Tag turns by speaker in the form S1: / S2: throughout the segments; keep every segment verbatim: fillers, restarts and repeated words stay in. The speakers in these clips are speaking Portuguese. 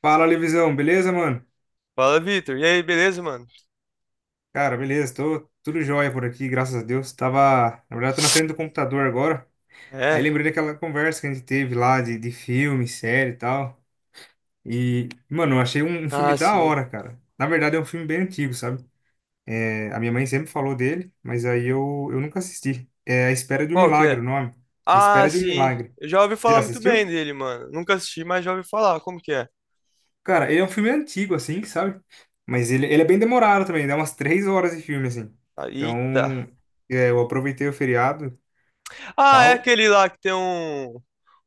S1: Fala, Levisão, beleza, mano?
S2: Fala, Vitor. E aí, beleza, mano?
S1: Cara, beleza, tô tudo jóia por aqui, graças a Deus. Tava, na verdade, tô na frente do computador agora. Aí
S2: É.
S1: lembrei daquela conversa que a gente teve lá de, de filme, série e tal. E, mano, eu achei um, um filme
S2: Ah,
S1: da
S2: sim.
S1: hora, cara. Na verdade, é um filme bem antigo, sabe? É, a minha mãe sempre falou dele, mas aí eu, eu nunca assisti. É A Espera de um
S2: Qual que
S1: Milagre,
S2: é?
S1: o nome. A
S2: Ah,
S1: Espera de um
S2: sim.
S1: Milagre.
S2: Eu já ouvi
S1: Já
S2: falar muito bem
S1: assistiu?
S2: dele, mano. Nunca assisti, mas já ouvi falar. Como que é?
S1: Cara, ele é um filme antigo, assim, sabe? Mas ele, ele é bem demorado também, dá umas três horas de filme, assim.
S2: Ah,
S1: Então,
S2: eita.
S1: é, eu aproveitei o feriado e
S2: Ah, é
S1: tal.
S2: aquele lá que tem um,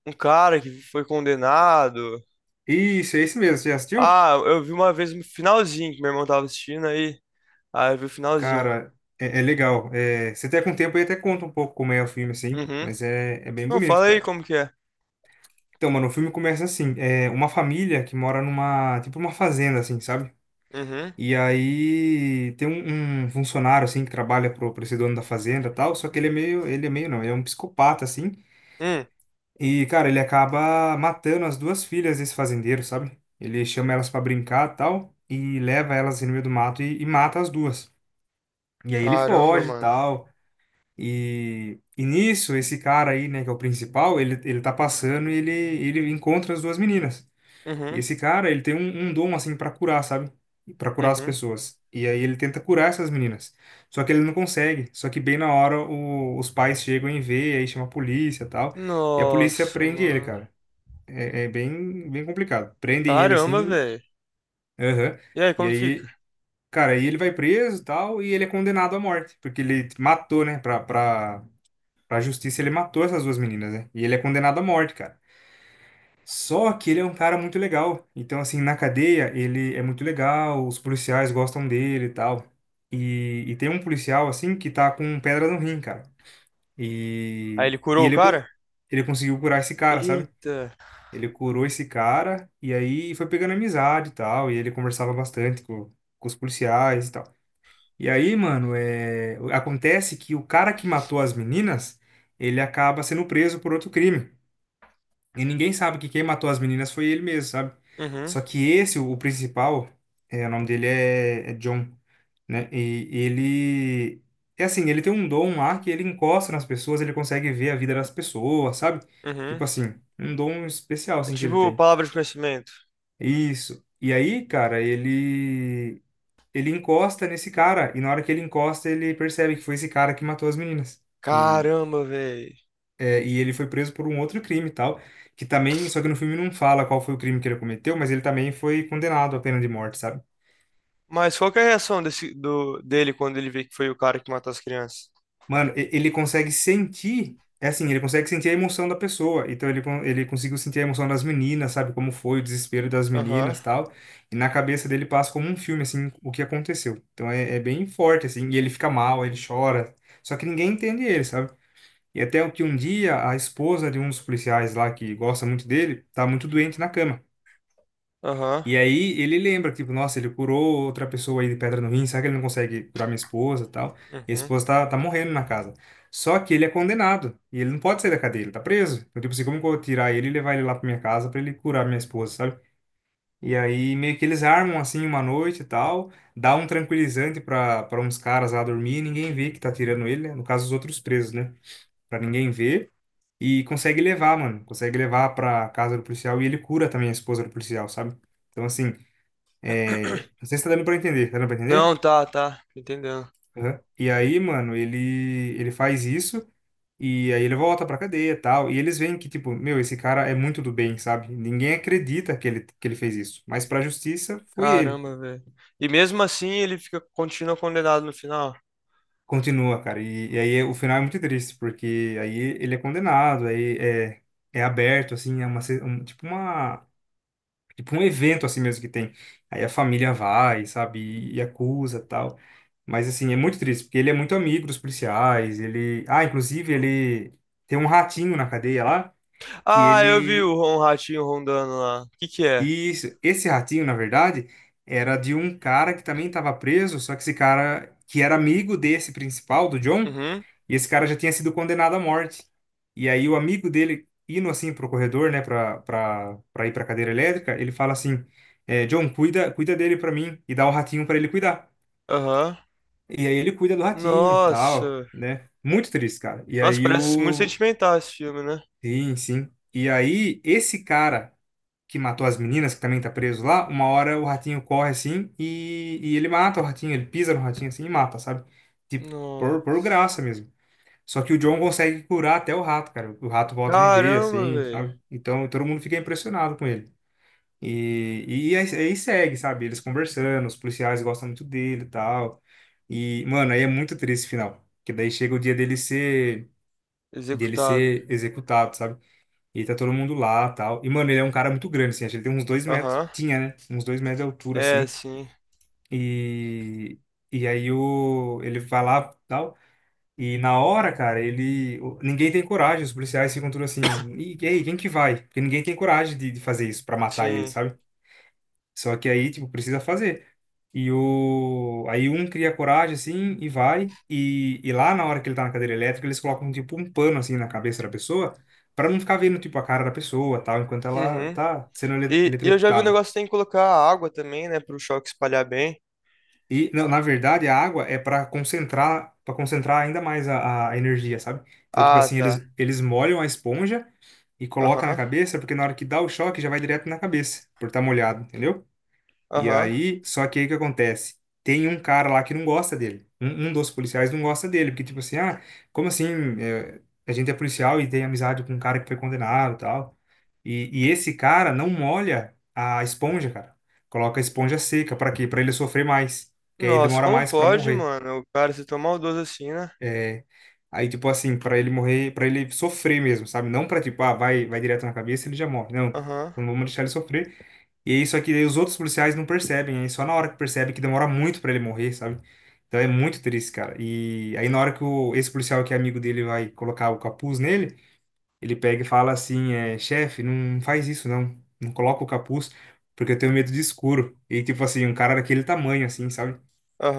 S2: um cara que foi condenado.
S1: Isso, é esse mesmo, você já assistiu?
S2: Ah, eu vi uma vez no finalzinho que meu irmão tava assistindo aí. Ah, eu vi o finalzinho.
S1: Cara, é, é legal. É, se até com o tempo aí até conta um pouco como é o filme, assim,
S2: Uhum.
S1: mas é, é bem
S2: Não,
S1: bonito,
S2: fala aí
S1: cara.
S2: como que é.
S1: Então, mano, o filme começa assim, é uma família que mora numa, tipo uma fazenda, assim, sabe?
S2: Uhum.
S1: E aí tem um, um funcionário, assim, que trabalha pro, pro esse dono da fazenda e tal, só que ele é meio, ele é meio, não, ele é um psicopata, assim.
S2: Hum.
S1: E, cara, ele acaba matando as duas filhas desse fazendeiro, sabe? Ele chama elas pra brincar e tal, e leva elas no meio do mato e, e mata as duas. E aí ele
S2: Caramba,
S1: foge e
S2: mano.
S1: tal. E, e nisso, esse cara aí, né, que é o principal, ele, ele tá passando e ele, ele encontra as duas meninas. E
S2: Uhum.
S1: esse cara, ele tem um, um dom, assim, pra curar, sabe? Pra curar as
S2: Uhum.
S1: pessoas. E aí ele tenta curar essas meninas. Só que ele não consegue. Só que bem na hora o- os pais chegam e vê, aí chama a polícia e tal. E a polícia
S2: Nossa,
S1: prende ele,
S2: mano.
S1: cara. É, é bem, bem complicado. Prendem ele
S2: Caramba,
S1: assim,
S2: velho.
S1: aham.
S2: E aí,
S1: E
S2: como
S1: aí,
S2: fica?
S1: cara, aí ele vai preso e tal, e ele é condenado à morte, porque ele matou, né? Pra, pra, pra justiça, ele matou essas duas meninas, né? E ele é condenado à morte, cara. Só que ele é um cara muito legal. Então, assim, na cadeia, ele é muito legal, os policiais gostam dele e tal. E, e tem um policial, assim, que tá com pedra no rim, cara.
S2: Aí
S1: E,
S2: ele
S1: e
S2: curou o
S1: ele, co-
S2: cara?
S1: ele conseguiu curar esse cara, sabe?
S2: Eita.
S1: Ele curou esse cara e aí foi pegando amizade e tal. E ele conversava bastante com, com os policiais e tal. E aí, mano, é... acontece que o cara que matou as meninas, ele acaba sendo preso por outro crime. E ninguém sabe que quem matou as meninas foi ele mesmo, sabe?
S2: Uhum,
S1: Só que esse, o, o principal, é, o nome dele é, é John, né? E ele. É assim, ele tem um dom lá que ele encosta nas pessoas, ele consegue ver a vida das pessoas, sabe?
S2: uhum.
S1: Tipo assim, um dom especial
S2: É
S1: assim que ele
S2: tipo
S1: tem.
S2: palavra de conhecimento.
S1: Isso. E aí, cara, ele ele encosta nesse cara e na hora que ele encosta, ele percebe que foi esse cara que matou as meninas, que
S2: Caramba, velho.
S1: é, e ele foi preso por um outro crime e tal, que também, só que no filme não fala qual foi o crime que ele cometeu, mas ele também foi condenado à pena de morte, sabe?
S2: Mas qual que é a reação desse, do, dele quando ele vê que foi o cara que matou as crianças?
S1: Mano, e- ele consegue sentir, é assim, ele consegue sentir a emoção da pessoa. Então ele, con- ele conseguiu sentir a emoção das meninas, sabe? Como foi o desespero das
S2: Aham,
S1: meninas, tal. E na cabeça dele passa como um filme, assim, o que aconteceu. Então é, é bem forte, assim. E ele fica mal, ele chora. Só que ninguém entende ele, sabe? E até o que um dia a esposa de um dos policiais lá, que gosta muito dele, tá muito doente na cama.
S2: aham,
S1: E aí ele lembra, tipo, nossa, ele curou outra pessoa aí de pedra no rim, será que ele não consegue curar minha esposa e tal? E a
S2: uhum.
S1: esposa tá, tá morrendo na casa. Só que ele é condenado, e ele não pode sair da cadeia, ele tá preso. Então, tipo assim, como que eu vou tirar ele e levar ele lá pra minha casa pra ele curar minha esposa, sabe? E aí meio que eles armam assim uma noite e tal, dá um tranquilizante pra, pra uns caras lá dormir e ninguém vê que tá tirando ele, né? No caso, os outros presos, né? Pra ninguém ver. E consegue levar, mano. Consegue levar pra casa do policial e ele cura também a esposa do policial, sabe? Então, assim, é, não sei se tá dando pra entender. Tá dando pra
S2: Não,
S1: entender?
S2: tá, tá. Tô entendendo.
S1: Aham. E aí, mano, ele, ele faz isso e aí ele volta pra cadeia e tal. E eles veem que, tipo, meu, esse cara é muito do bem, sabe? Ninguém acredita que ele, que ele fez isso. Mas pra justiça, foi ele.
S2: Caramba, velho. E mesmo assim ele fica, continua condenado no final.
S1: Continua, cara. E, e aí o final é muito triste, porque aí ele é condenado, aí é, é aberto, assim, é uma, se- um- tipo uma. Tipo um evento assim mesmo que tem. Aí a família vai, sabe, e, e acusa tal. Mas assim, é muito triste, porque ele é muito amigo dos policiais, ele... Ah, inclusive ele tem um ratinho na cadeia lá, que
S2: Ah, eu vi
S1: ele...
S2: o, um ratinho rondando lá. O que que é?
S1: Isso, esse ratinho, na verdade, era de um cara que também estava preso, só que esse cara, que era amigo desse principal, do John,
S2: Uhum,
S1: e esse cara já tinha sido condenado à morte. E aí o amigo dele, indo assim pro corredor, né, pra, pra, pra ir pra cadeira elétrica, ele fala assim, é, John, cuida, cuida dele pra mim, e dá o ratinho pra ele cuidar.
S2: aham.
S1: E aí ele cuida do ratinho e tal,
S2: Nossa.
S1: né? Muito triste, cara. E
S2: Nossa,
S1: aí
S2: parece muito
S1: o...
S2: sentimental esse filme, né?
S1: Sim, sim. E aí esse cara que matou as meninas, que também tá preso lá, uma hora o ratinho corre assim e, e ele mata o ratinho, ele pisa no ratinho assim e mata, sabe? Tipo, por,
S2: Nossa.
S1: por graça mesmo. Só que o John consegue curar até o rato, cara. O rato volta a viver,
S2: Caramba,
S1: assim,
S2: velho.
S1: sabe? Então todo mundo fica impressionado com ele. E, e aí, aí segue, sabe? Eles conversando, os policiais gostam muito dele e tal. E, mano, aí é muito triste o final. Que daí chega o dia dele ser, dele
S2: Executado.
S1: ser executado, sabe? E tá todo mundo lá, tal. E, mano, ele é um cara muito grande, assim. Acho que ele tem uns dois metros.
S2: Aham.
S1: Tinha, né? Uns dois metros de altura,
S2: É,
S1: assim.
S2: sim.
S1: E... E aí o... ele vai lá, tal. E na hora, cara, ele... o- Ninguém tem coragem. Os policiais ficam tudo assim... E, e aí, quem que vai? Porque ninguém tem coragem de, de fazer isso pra matar ele,
S2: Sim.
S1: sabe? Só que aí, tipo, precisa fazer. E o... aí um cria coragem, assim, e vai. E, e lá na hora que ele tá na cadeira elétrica, eles colocam, tipo, um pano, assim, na cabeça da pessoa, para não ficar vendo, tipo, a cara da pessoa, tal, enquanto ela
S2: Uhum.
S1: tá sendo ele-
S2: E, e eu já vi um
S1: eletrocutada.
S2: negócio que tem que colocar água também, né? Pro choque espalhar bem.
S1: E, na na verdade, a água é para concentrar, para concentrar ainda mais a, a energia, sabe? Então, tipo
S2: Ah,
S1: assim,
S2: tá.
S1: eles, eles molham a esponja e colocam na
S2: Aham.
S1: cabeça, porque na hora que dá o choque, já vai direto na cabeça, por estar molhado, entendeu? E
S2: Aham.
S1: aí, só que aí o que acontece? Tem um cara lá que não gosta dele. Um, um dos policiais não gosta dele, porque tipo assim, ah, como assim? É, a gente é policial e tem amizade com um cara que foi condenado e tal. E, e esse cara não molha a esponja, cara. Coloca a esponja seca, pra quê? Pra ele sofrer mais, porque aí ele
S2: Nossa,
S1: demora
S2: como
S1: mais pra
S2: pode,
S1: morrer.
S2: mano? O cara se tomar o maldoso assim, né?
S1: É, aí tipo assim, pra ele morrer, pra ele sofrer mesmo, sabe? Não pra tipo, ah, vai, vai direto na cabeça, ele já morre. Não,
S2: Aham.
S1: não vamos deixar ele sofrer. E é isso aqui, daí os outros policiais não percebem, aí só na hora que percebe que demora muito pra ele morrer, sabe? Então é muito triste, cara. E aí na hora que o, esse policial que é amigo dele vai colocar o capuz nele, ele pega e fala assim, é, chefe, não faz isso não, não coloca o capuz, porque eu tenho medo de escuro. E tipo assim, um cara daquele tamanho assim, sabe?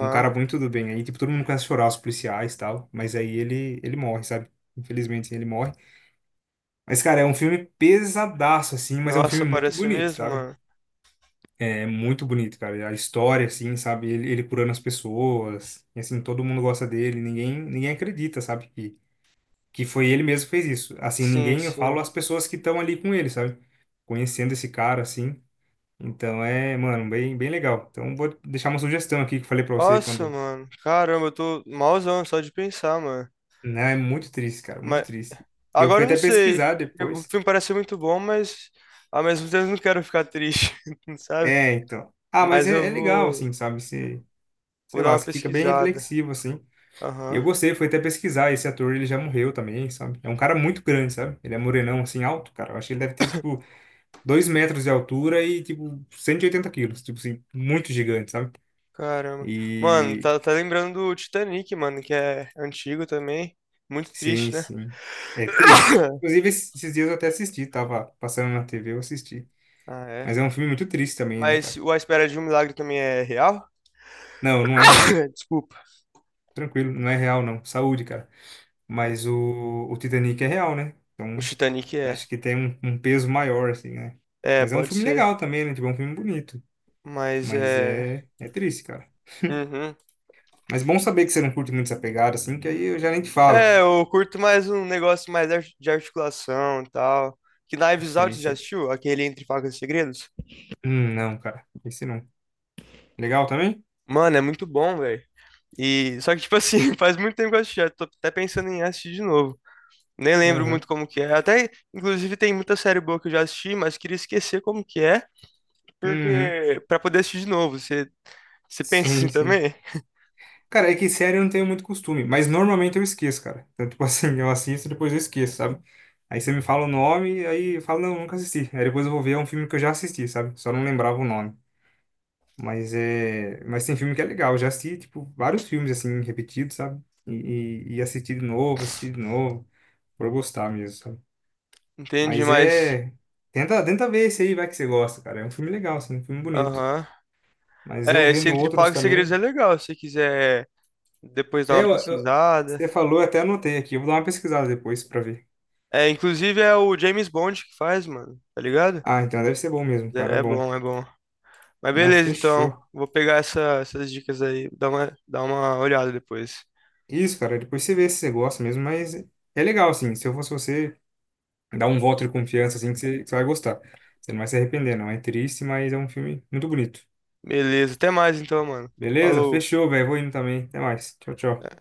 S1: Um cara muito do bem. Aí tipo todo mundo começa a chorar, os policiais e tal, mas aí ele ele morre, sabe? Infelizmente assim, ele morre. Mas cara, é um filme pesadaço assim, mas é um
S2: Nossa,
S1: filme muito
S2: parece
S1: bonito,
S2: mesmo,
S1: sabe?
S2: mano.
S1: É muito bonito, cara. A história, assim, sabe? Ele, ele curando as pessoas. E, assim, todo mundo gosta dele. Ninguém, ninguém acredita, sabe? Que, que foi ele mesmo que fez isso. Assim,
S2: Sim,
S1: ninguém, eu falo
S2: sim.
S1: as pessoas que estão ali com ele, sabe? Conhecendo esse cara, assim. Então é, mano, bem, bem legal. Então vou deixar uma sugestão aqui que eu falei pra você
S2: Nossa,
S1: quando.
S2: mano. Caramba, eu tô malzão só de pensar, mano.
S1: Não, é muito triste, cara. Muito
S2: Mas
S1: triste. Eu
S2: agora
S1: fui
S2: eu não
S1: até
S2: sei.
S1: pesquisar
S2: Eu- o
S1: depois.
S2: filme parece ser muito bom, mas ao mesmo tempo eu não quero ficar triste, sabe?
S1: É, então. Ah, mas
S2: Mas
S1: é, é
S2: eu
S1: legal,
S2: vou,
S1: assim, sabe? Você,
S2: vou
S1: sei
S2: dar
S1: lá,
S2: uma
S1: você fica bem
S2: pesquisada.
S1: reflexivo, assim. E
S2: Aham,
S1: eu gostei, fui até pesquisar, esse ator ele já morreu também, sabe? É um cara muito grande, sabe? Ele é morenão, assim, alto, cara. Eu acho que ele deve ter, tipo, dois metros de altura e, tipo, cento e oitenta quilos. Tipo assim, muito gigante, sabe?
S2: caramba. Mano,
S1: E...
S2: tá, tá lembrando do Titanic, mano, que é antigo também. Muito
S1: Sim,
S2: triste, né?
S1: sim. É triste. Inclusive, esses esses dias eu até assisti, tava passando na T V, eu assisti.
S2: Ah,
S1: Mas
S2: é.
S1: é um filme muito triste também, né,
S2: Mas
S1: cara?
S2: o A Espera de um Milagre também é real?
S1: Não, não é real.
S2: Desculpa.
S1: Tranquilo, não é real, não. Saúde, cara. Mas o, o Titanic é real, né?
S2: O
S1: Então,
S2: Titanic
S1: acho
S2: é.
S1: que tem um, um peso maior, assim, né?
S2: É,
S1: Mas é um
S2: pode
S1: filme
S2: ser.
S1: legal também, né? Tipo, é um filme bonito.
S2: Mas
S1: Mas
S2: é.
S1: é, é triste, cara.
S2: Uhum.
S1: Mas bom saber que você não curte muito essa pegada, assim, que aí eu já nem te falo.
S2: É, eu curto mais um negócio mais ar- de articulação e tal. Que Knives
S1: Isso aí,
S2: Out, você já
S1: isso.
S2: assistiu? Aquele Entre Facas e Segredos?
S1: Hum, não, cara. Esse não. Legal também?
S2: Mano, é muito bom, velho. E só que tipo assim, faz muito tempo que eu assisti, já tô até pensando em assistir de novo. Nem lembro
S1: Aham.
S2: muito como que é. Até inclusive tem muita série boa que eu já assisti, mas queria esquecer como que é,
S1: Uhum.
S2: porque para poder assistir de novo. Você você pensa assim
S1: Sim, sim.
S2: também?
S1: Cara, é que série eu não tenho muito costume, mas normalmente eu esqueço, cara. Então, tipo assim, eu assisto e depois eu esqueço, sabe? Aí você me fala o nome, aí eu falo, não, nunca assisti. Aí depois eu vou ver, é um filme que eu já assisti, sabe? Só não lembrava o nome. Mas é, mas tem filme que é legal. Eu já assisti, tipo, vários filmes assim repetidos, sabe? E, e, e assisti de novo, assisti de novo, por eu gostar mesmo, sabe?
S2: Entende?
S1: Mas
S2: Mas
S1: é, tenta, tenta ver esse aí, vai que você gosta, cara. É um filme legal, assim, um filme bonito.
S2: aham.
S1: Mas eu
S2: É, esse
S1: vendo
S2: Entre
S1: outros
S2: Pagos e Segredos é
S1: também.
S2: legal, se você quiser depois dar
S1: É,
S2: uma
S1: Eu, eu-
S2: pesquisada.
S1: você falou, eu até anotei aqui. Eu vou dar uma pesquisada depois pra ver.
S2: É, inclusive é o James Bond que faz, mano, tá ligado?
S1: Ah, então deve ser bom mesmo, cara,
S2: É,
S1: é
S2: é
S1: bom.
S2: bom, é bom. Mas
S1: Não,
S2: beleza, então,
S1: fechou.
S2: vou pegar essa- essas dicas aí, dar uma, dar uma olhada depois.
S1: Isso, cara, depois você vê se você gosta mesmo, mas é legal, assim. Se eu fosse você dá um voto de confiança assim que você, que você vai gostar. Você não vai se arrepender, não. É triste, mas é um filme muito bonito.
S2: Beleza, até mais então, mano.
S1: Beleza?
S2: Falou.
S1: Fechou, velho. Vou indo também. Até mais. Tchau, tchau.